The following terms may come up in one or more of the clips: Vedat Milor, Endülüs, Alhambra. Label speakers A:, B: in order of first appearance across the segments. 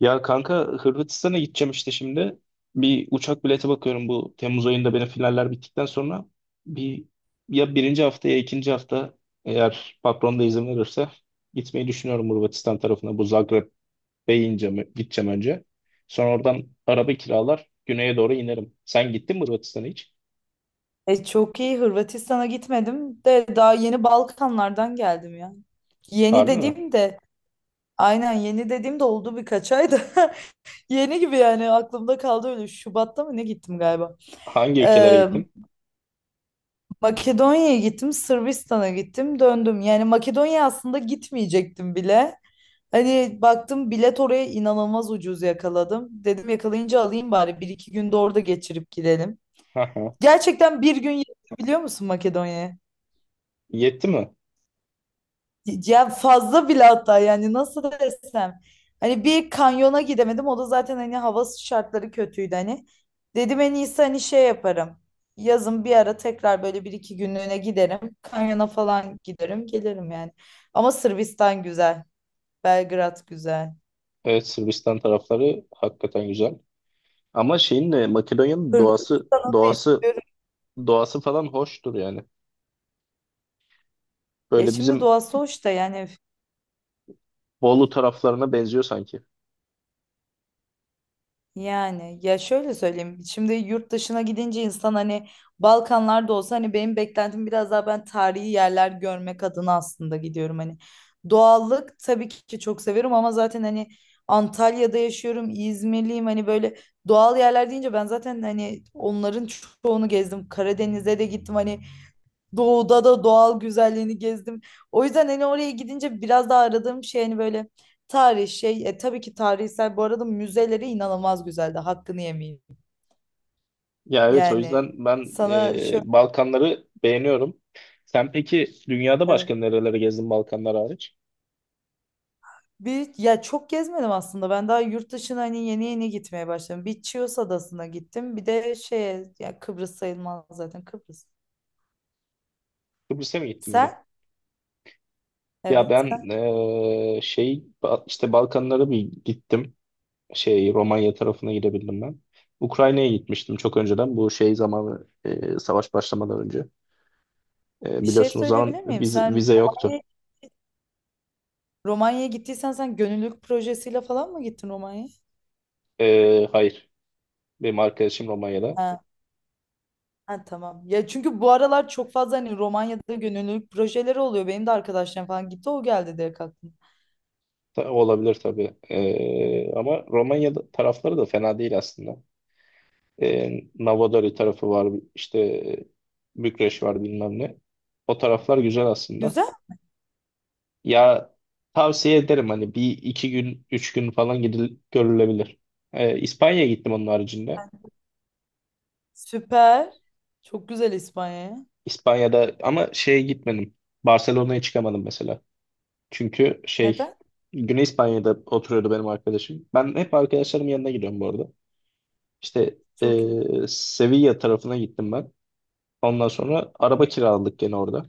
A: Ya kanka, Hırvatistan'a gideceğim işte şimdi. Bir uçak bileti bakıyorum bu Temmuz ayında benim finaller bittikten sonra. Bir ya birinci hafta ya ikinci hafta, eğer patron da izin verirse gitmeyi düşünüyorum Hırvatistan tarafına. Bu Zagreb'e ineceğim, gideceğim önce. Sonra oradan araba kiralar güneye doğru inerim. Sen gittin mi Hırvatistan'a hiç?
B: Çok iyi Hırvatistan'a gitmedim de daha yeni Balkanlardan geldim ya. Yeni
A: Harbi mi?
B: dediğim de aynen yeni dediğim de oldu birkaç ay da yeni gibi yani aklımda kaldı öyle Şubat'ta mı ne gittim galiba.
A: Hangi ülkelere
B: Ee,
A: gittin?
B: Makedonya'ya gittim Sırbistan'a gittim döndüm. Yani Makedonya aslında gitmeyecektim bile. Hani baktım bilet oraya inanılmaz ucuz yakaladım. Dedim yakalayınca alayım bari bir iki günde orada geçirip gidelim.
A: Aha.
B: Gerçekten bir gün yetti biliyor musun Makedonya'ya?
A: Yetti mi?
B: Ya fazla bile hatta yani nasıl desem. Hani bir kanyona gidemedim. O da zaten hani hava şartları kötüydü hani. Dedim en iyisi hani şey yaparım. Yazın bir ara tekrar böyle bir iki günlüğüne giderim. Kanyona falan giderim gelirim yani. Ama Sırbistan güzel. Belgrad güzel.
A: Evet, Sırbistan tarafları hakikaten güzel. Ama şeyin de Makedonya'nın doğası
B: Hırvatistan'ı da
A: doğası
B: istiyorum.
A: Doğası falan hoştur yani.
B: Ya
A: Böyle
B: şimdi
A: bizim
B: doğası hoş da yani
A: Bolu taraflarına benziyor sanki.
B: yani ya şöyle söyleyeyim. Şimdi yurt dışına gidince insan hani Balkanlarda olsa hani benim beklentim biraz daha ben tarihi yerler görmek adına aslında gidiyorum hani. Doğallık tabii ki çok severim ama zaten hani Antalya'da yaşıyorum, İzmirliyim hani böyle doğal yerler deyince ben zaten hani onların çoğunu gezdim. Karadeniz'e de gittim hani doğuda da doğal güzelliğini gezdim. O yüzden hani oraya gidince biraz daha aradığım şey hani böyle tarih şey tabii ki tarihsel bu arada müzeleri inanılmaz güzeldi. Hakkını yemeyeyim.
A: Ya evet, o
B: Yani
A: yüzden ben
B: sana şöyle
A: Balkanları beğeniyorum. Sen peki dünyada
B: evet.
A: başka nerelere gezdin Balkanlar hariç?
B: Bir ya çok gezmedim aslında. Ben daha yurt dışına hani yeni yeni gitmeye başladım. Bir Chios Adası'na gittim. Bir de şeye ya Kıbrıs sayılmaz zaten Kıbrıs.
A: Kıbrıs'a mı gittin bir de?
B: Sen?
A: Ya
B: Evet
A: ben
B: sen.
A: şey işte Balkanlara bir gittim. Şey Romanya tarafına gidebildim ben. Ukrayna'ya gitmiştim çok önceden. Bu şey zamanı, savaş başlamadan önce.
B: Bir şey
A: Biliyorsunuz o zaman
B: söyleyebilir miyim?
A: vize,
B: Sen
A: vize yoktu.
B: Romanya'ya Romanya'ya gittiysen sen gönüllülük projesiyle falan mı gittin Romanya'ya?
A: Hayır. Benim arkadaşım Romanya'da.
B: Ha. Ha, tamam. Ya çünkü bu aralar çok fazla hani Romanya'da gönüllülük projeleri oluyor. Benim de arkadaşlarım falan gitti o geldi direkt aklıma.
A: Olabilir tabii. Ama Romanya tarafları da fena değil aslında. E, Novodari tarafı var. İşte Bükreş var bilmem ne. O taraflar güzel aslında.
B: Güzel.
A: Ya tavsiye ederim, hani bir iki gün üç gün falan gidil görülebilir. İspanya'ya gittim onun haricinde.
B: Süper. Çok güzel İspanya'ya.
A: İspanya'da ama şeye gitmedim. Barcelona'ya çıkamadım mesela. Çünkü şey,
B: Neden?
A: Güney İspanya'da oturuyordu benim arkadaşım. Ben hep arkadaşlarımın yanına gidiyorum bu arada. İşte
B: Çok iyi.
A: Sevilla tarafına gittim ben. Ondan sonra araba kiraladık gene orada.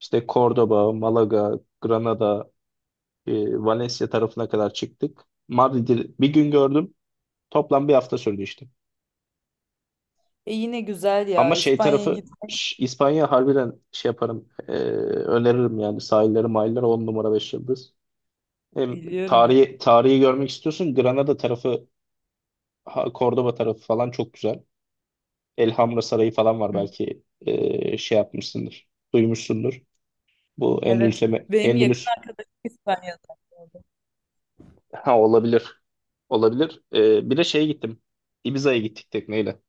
A: İşte Cordoba, Malaga, Granada, Valencia tarafına kadar çıktık. Madrid'i bir gün gördüm. Toplam bir hafta sürdü işte.
B: E yine güzel ya.
A: Ama şey
B: İspanya'ya git.
A: tarafı İspanya harbiden şey yaparım. Öneririm yani, sahilleri, mahalleleri 10 numara 5 yıldız. E,
B: Biliyorum.
A: tarihi görmek istiyorsun. Granada tarafı, Cordoba tarafı falan çok güzel. Elhamra Sarayı falan var,
B: Hı.
A: belki şey yapmışsındır, duymuşsundur. Bu
B: Evet.
A: Endülüs'e,
B: Benim yakın
A: Endülüs,
B: arkadaşım İspanya'da.
A: ha, olabilir. Olabilir. Bir de şeye gittim. Ibiza'ya gittik tekneyle.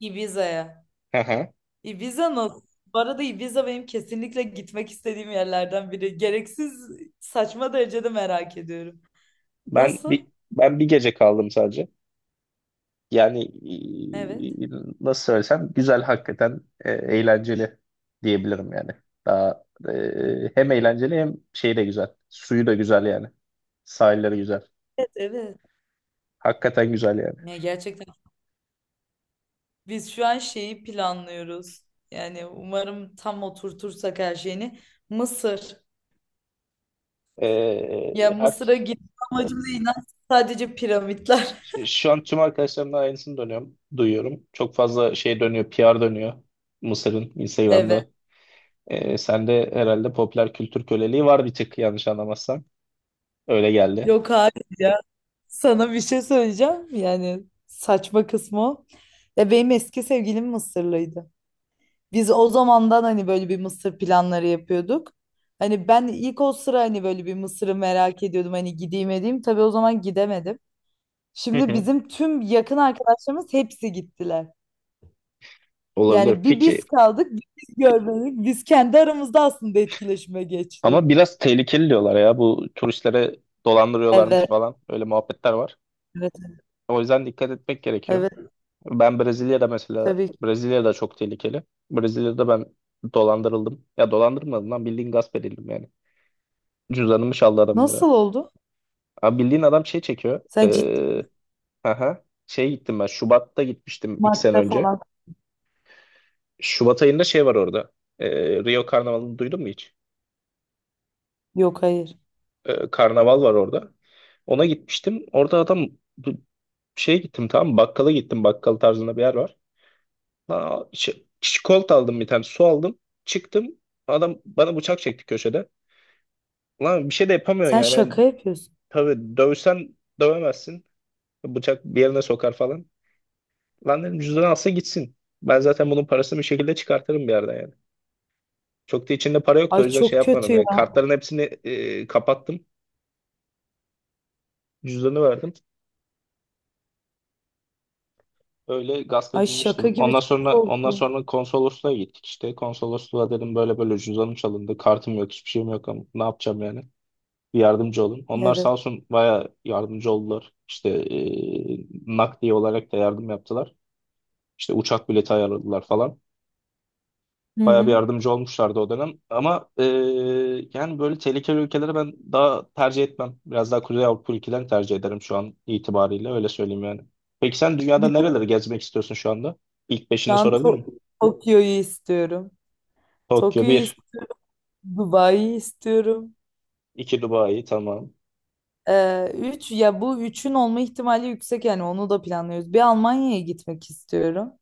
B: Ibiza'ya.
A: Hı hı.
B: Ibiza nasıl? Bu arada Ibiza benim kesinlikle gitmek istediğim yerlerden biri. Gereksiz saçma derecede merak ediyorum.
A: Ben bir
B: Nasıl?
A: ben bir gece kaldım sadece. Yani
B: Evet.
A: e, nasıl söylesem, güzel hakikaten, eğlenceli diyebilirim yani. Daha hem eğlenceli, hem şey de güzel. Suyu da güzel yani. Sahilleri güzel.
B: Evet, evet.
A: Hakikaten güzel yani.
B: Ya gerçekten biz şu an şeyi planlıyoruz. Yani umarım tam oturtursak her şeyini. Mısır. Ya
A: E, her,
B: Mısır'a gitme amacımız inan sadece piramitler.
A: şu an tüm arkadaşlarımdan aynısını dönüyorum, duyuyorum. Çok fazla şey dönüyor, PR dönüyor. Mısır'ın
B: Evet.
A: Instagram'da. Sende herhalde popüler kültür köleliği var bir tık, yanlış anlamazsam. Öyle geldi.
B: Yok hayır ya. Sana bir şey söyleyeceğim. Yani saçma kısmı o. Ya benim eski sevgilim Mısırlıydı. Biz o zamandan hani böyle bir Mısır planları yapıyorduk. Hani ben ilk o sıra hani böyle bir Mısır'ı merak ediyordum. Hani gideyim edeyim. Tabii o zaman gidemedim.
A: Hı
B: Şimdi
A: hı.
B: bizim tüm yakın arkadaşlarımız hepsi gittiler.
A: Olabilir.
B: Yani bir biz
A: Peki
B: kaldık, bir biz görmedik. Biz kendi aramızda aslında etkileşime
A: Ama
B: geçtik.
A: biraz tehlikeli diyorlar ya, bu turistlere dolandırıyorlarmış
B: Evet,
A: falan, öyle muhabbetler var.
B: evet,
A: O yüzden dikkat etmek gerekiyor.
B: evet
A: Ben Brezilya'da, mesela
B: tabii ki.
A: Brezilya'da çok tehlikeli. Brezilya'da ben dolandırıldım. Ya dolandırmadım lan, bildiğin gasp edildim yani. Cüzdanımı çaldı adam, biri.
B: Nasıl oldu?
A: Abi bildiğin adam şey çekiyor.
B: Sen ciddi
A: Aha, şey gittim ben, Şubat'ta gitmiştim iki sene
B: madde
A: önce.
B: falan.
A: Şubat ayında şey var orada. Rio Karnavalı'nı duydun mu hiç?
B: Yok hayır.
A: Karnaval var orada. Ona gitmiştim. Orada adam bu- şeye gittim, tamam mı? Bakkala gittim. Bakkal tarzında bir yer var. Lan, şey, çikolata aldım bir tane. Su aldım. Çıktım. Adam bana bıçak çekti köşede. Lan, bir şey de yapamıyorsun
B: Sen
A: yani. Yani
B: şaka yapıyorsun.
A: tabii, dövsen dövemezsin. Bıçak bir yerine sokar falan. Lan dedim, cüzdanı alsa gitsin. Ben zaten bunun parasını bir şekilde çıkartırım bir yerden yani. Çok da içinde para yoktu,
B: Ay
A: o yüzden şey
B: çok kötü
A: yapmadım. Yani
B: ya.
A: kartların hepsini kapattım. Cüzdanı verdim. Öyle gasp
B: Ay şaka
A: edilmiştim.
B: gibi
A: Ondan
B: çok
A: sonra ondan
B: korktum.
A: sonra konsolosluğa gittik işte. Konsolosluğa dedim böyle böyle cüzdanım çalındı. Kartım yok, hiçbir şeyim yok, ama ne yapacağım yani? Bir yardımcı olun. Onlar sağ
B: Evet.
A: olsun, baya yardımcı oldular. İşte nakdi olarak da yardım yaptılar. İşte uçak bileti ayarladılar falan.
B: Hı
A: Bayağı bir
B: hı.
A: yardımcı olmuşlardı o dönem. Ama yani böyle tehlikeli ülkeleri ben daha tercih etmem. Biraz daha Kuzey Avrupa ülkelerini tercih ederim şu an itibariyle. Öyle söyleyeyim yani. Peki sen
B: Bir
A: dünyada
B: de
A: nereleri gezmek istiyorsun şu anda? İlk
B: şu
A: beşini
B: an
A: sorabilir miyim?
B: Tokyo'yu istiyorum.
A: Tokyo
B: Tokyo'yu
A: bir,
B: istiyorum. Dubai'yi istiyorum.
A: 2 Dubai, tamam.
B: Üç ya bu üçün olma ihtimali yüksek yani onu da planlıyoruz. Bir Almanya'ya gitmek istiyorum.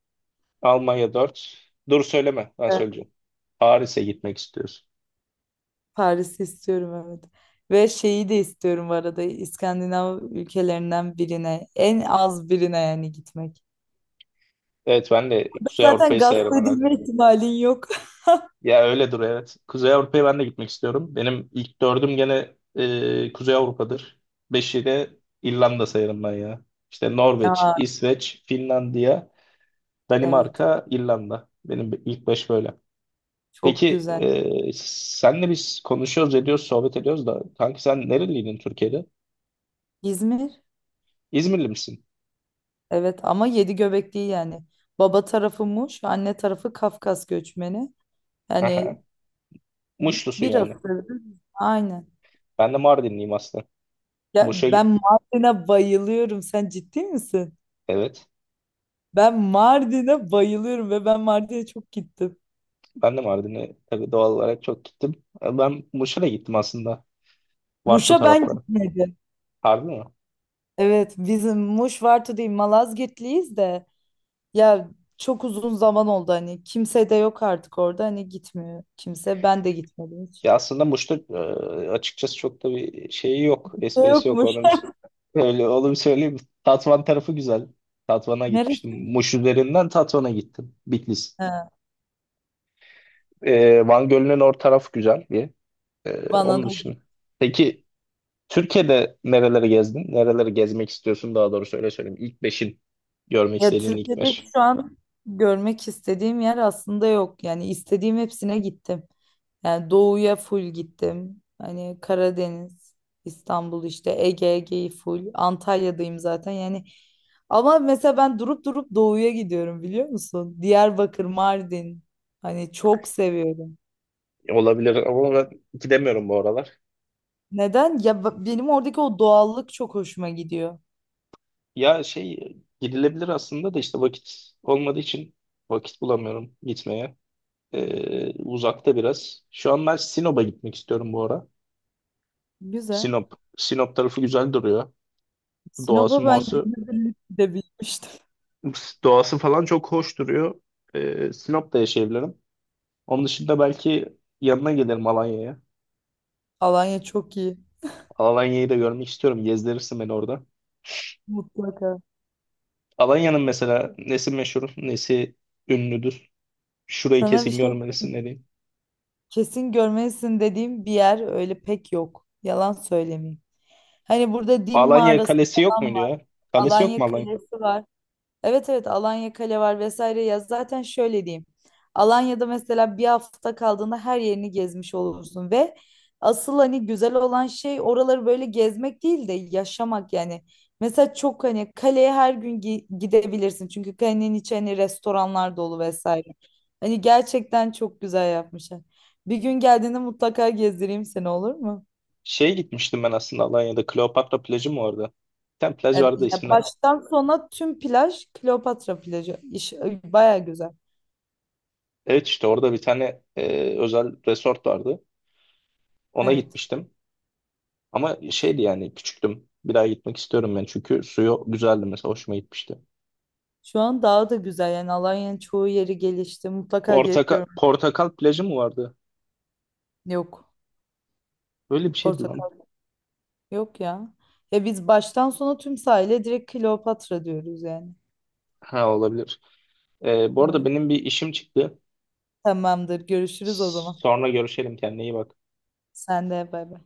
A: Almanya dört. Dur söyleme, ben söyleyeceğim. Paris'e gitmek istiyorsun.
B: Paris'i istiyorum evet. Ve şeyi de istiyorum bu arada İskandinav ülkelerinden birine en az birine yani gitmek.
A: Evet, ben de Kuzey
B: Zaten
A: Avrupa'yı
B: gasp
A: sayarım.
B: edilme ihtimalin yok.
A: Ya öyledir, evet. Kuzey Avrupa'ya ben de gitmek istiyorum. Benim ilk dördüm gene Kuzey Avrupa'dır. Beşi de İrlanda sayarım ben ya. İşte Norveç,
B: Aa,
A: İsveç, Finlandiya,
B: evet
A: Danimarka, İrlanda. Benim ilk beş böyle.
B: çok
A: Peki
B: güzel.
A: senle biz konuşuyoruz, ediyoruz, sohbet ediyoruz da, kanki sen nereliydin Türkiye'de?
B: İzmir
A: İzmirli misin?
B: evet ama yedi göbek değil yani. Baba tarafı Muş, anne tarafı Kafkas göçmeni. Yani
A: Aha. Muşlusun
B: bir
A: yani.
B: asırdır aynen.
A: Ben de Mardinliyim aslında.
B: Ya
A: Muş'a
B: ben
A: gi-
B: Mardin'e bayılıyorum. Sen ciddi misin?
A: evet.
B: Ben Mardin'e bayılıyorum ve ben Mardin'e çok gittim.
A: Ben de Mardin'e tabii, doğal olarak çok gittim. Ben Muş'a da gittim aslında. Varto
B: Muş'a ben
A: tarafları.
B: gitmedim.
A: Harbi mi?
B: Evet bizim Muş Vartu değil Malazgirtliyiz de ya çok uzun zaman oldu hani kimse de yok artık orada hani gitmiyor kimse ben de gitmedim hiç.
A: Ya aslında Muş'ta açıkçası çok da bir şeyi yok.
B: Kimse
A: Esprisi yok.
B: Yokmuş.
A: Onu bir, öyle, onu bir söyleyeyim. Tatvan tarafı güzel. Tatvan'a
B: Neresi?
A: gitmiştim. Muş üzerinden Tatvan'a gittim. Bitlis.
B: Ha,
A: Van Gölü'nün tarafı güzel bir. E,
B: bana
A: onun
B: da
A: dışında.
B: git.
A: Peki Türkiye'de nereleri gezdin? Nereleri gezmek istiyorsun daha doğrusu, öyle söyleyeyim. İlk beşin, görmek
B: Ya
A: istediğin ilk
B: Türkiye'de
A: beş.
B: şu an görmek istediğim yer aslında yok yani istediğim hepsine gittim. Yani doğuya full gittim. Hani Karadeniz, İstanbul işte Ege, Ege'yi full. Antalya'dayım zaten. Yani ama mesela ben durup durup doğuya gidiyorum biliyor musun? Diyarbakır, Mardin. Hani çok seviyorum.
A: Olabilir ama ben gidemiyorum bu aralar.
B: Neden? Ya benim oradaki o doğallık çok hoşuma gidiyor.
A: Ya şey, gidilebilir aslında da, işte vakit olmadığı için vakit bulamıyorum gitmeye. Uzakta biraz. Şu an ben Sinop'a gitmek istiyorum bu ara.
B: Güzel.
A: Sinop. Sinop tarafı güzel duruyor. Doğası
B: Sinop'a ben
A: muası
B: günübirlik gidebilmiştim.
A: doğası falan çok hoş duruyor. Sinop'ta yaşayabilirim. Onun dışında belki yanına gelirim Alanya'ya.
B: Alanya çok iyi.
A: Alanya'yı da görmek istiyorum. Gezdirirsin beni orada.
B: Mutlaka.
A: Alanya'nın mesela nesi meşhur, nesi ünlüdür? Şurayı
B: Sana bir
A: kesin
B: şey
A: görmelisin dediğim.
B: kesin görmelisin dediğim bir yer öyle pek yok. Yalan söylemeyeyim. Hani burada Dim
A: Alanya
B: mağarası
A: Kalesi yok
B: falan
A: muydu
B: var.
A: ya? Kalesi yok mu
B: Alanya
A: Alanya?
B: Kalesi var. Evet evet Alanya Kale var vesaire ya zaten şöyle diyeyim. Alanya'da mesela bir hafta kaldığında her yerini gezmiş olursun ve asıl hani güzel olan şey oraları böyle gezmek değil de yaşamak yani. Mesela çok hani kaleye her gün gidebilirsin çünkü kalenin içi hani restoranlar dolu vesaire. Hani gerçekten çok güzel yapmışlar. Bir gün geldiğinde mutlaka gezdireyim seni olur mu?
A: Şeye gitmiştim ben aslında Alanya'da. Kleopatra plajı mı orada? Bir tane plaj vardı
B: Ya
A: ismine.
B: baştan sona tüm plaj Kleopatra plajı. İş, bayağı güzel.
A: Evet işte orada bir tane özel resort vardı. Ona
B: Evet.
A: gitmiştim. Ama şeydi yani, küçüktüm. Bir daha gitmek istiyorum ben. Çünkü suyu güzeldi mesela. Hoşuma gitmişti.
B: Şu an daha da güzel yani Alanya'nın çoğu yeri gelişti. Mutlaka gelip
A: Portakal,
B: görmen.
A: Portakal plajı mı vardı?
B: Yok.
A: Böyle bir şeydi lan.
B: Portakal yok ya. Ya biz baştan sona tüm sahile direkt Kleopatra diyoruz yani.
A: Ha, olabilir. Bu arada
B: Evet.
A: benim bir işim çıktı.
B: Tamamdır. Görüşürüz o zaman.
A: Sonra görüşelim. Kendine iyi bak.
B: Sen de bay bay.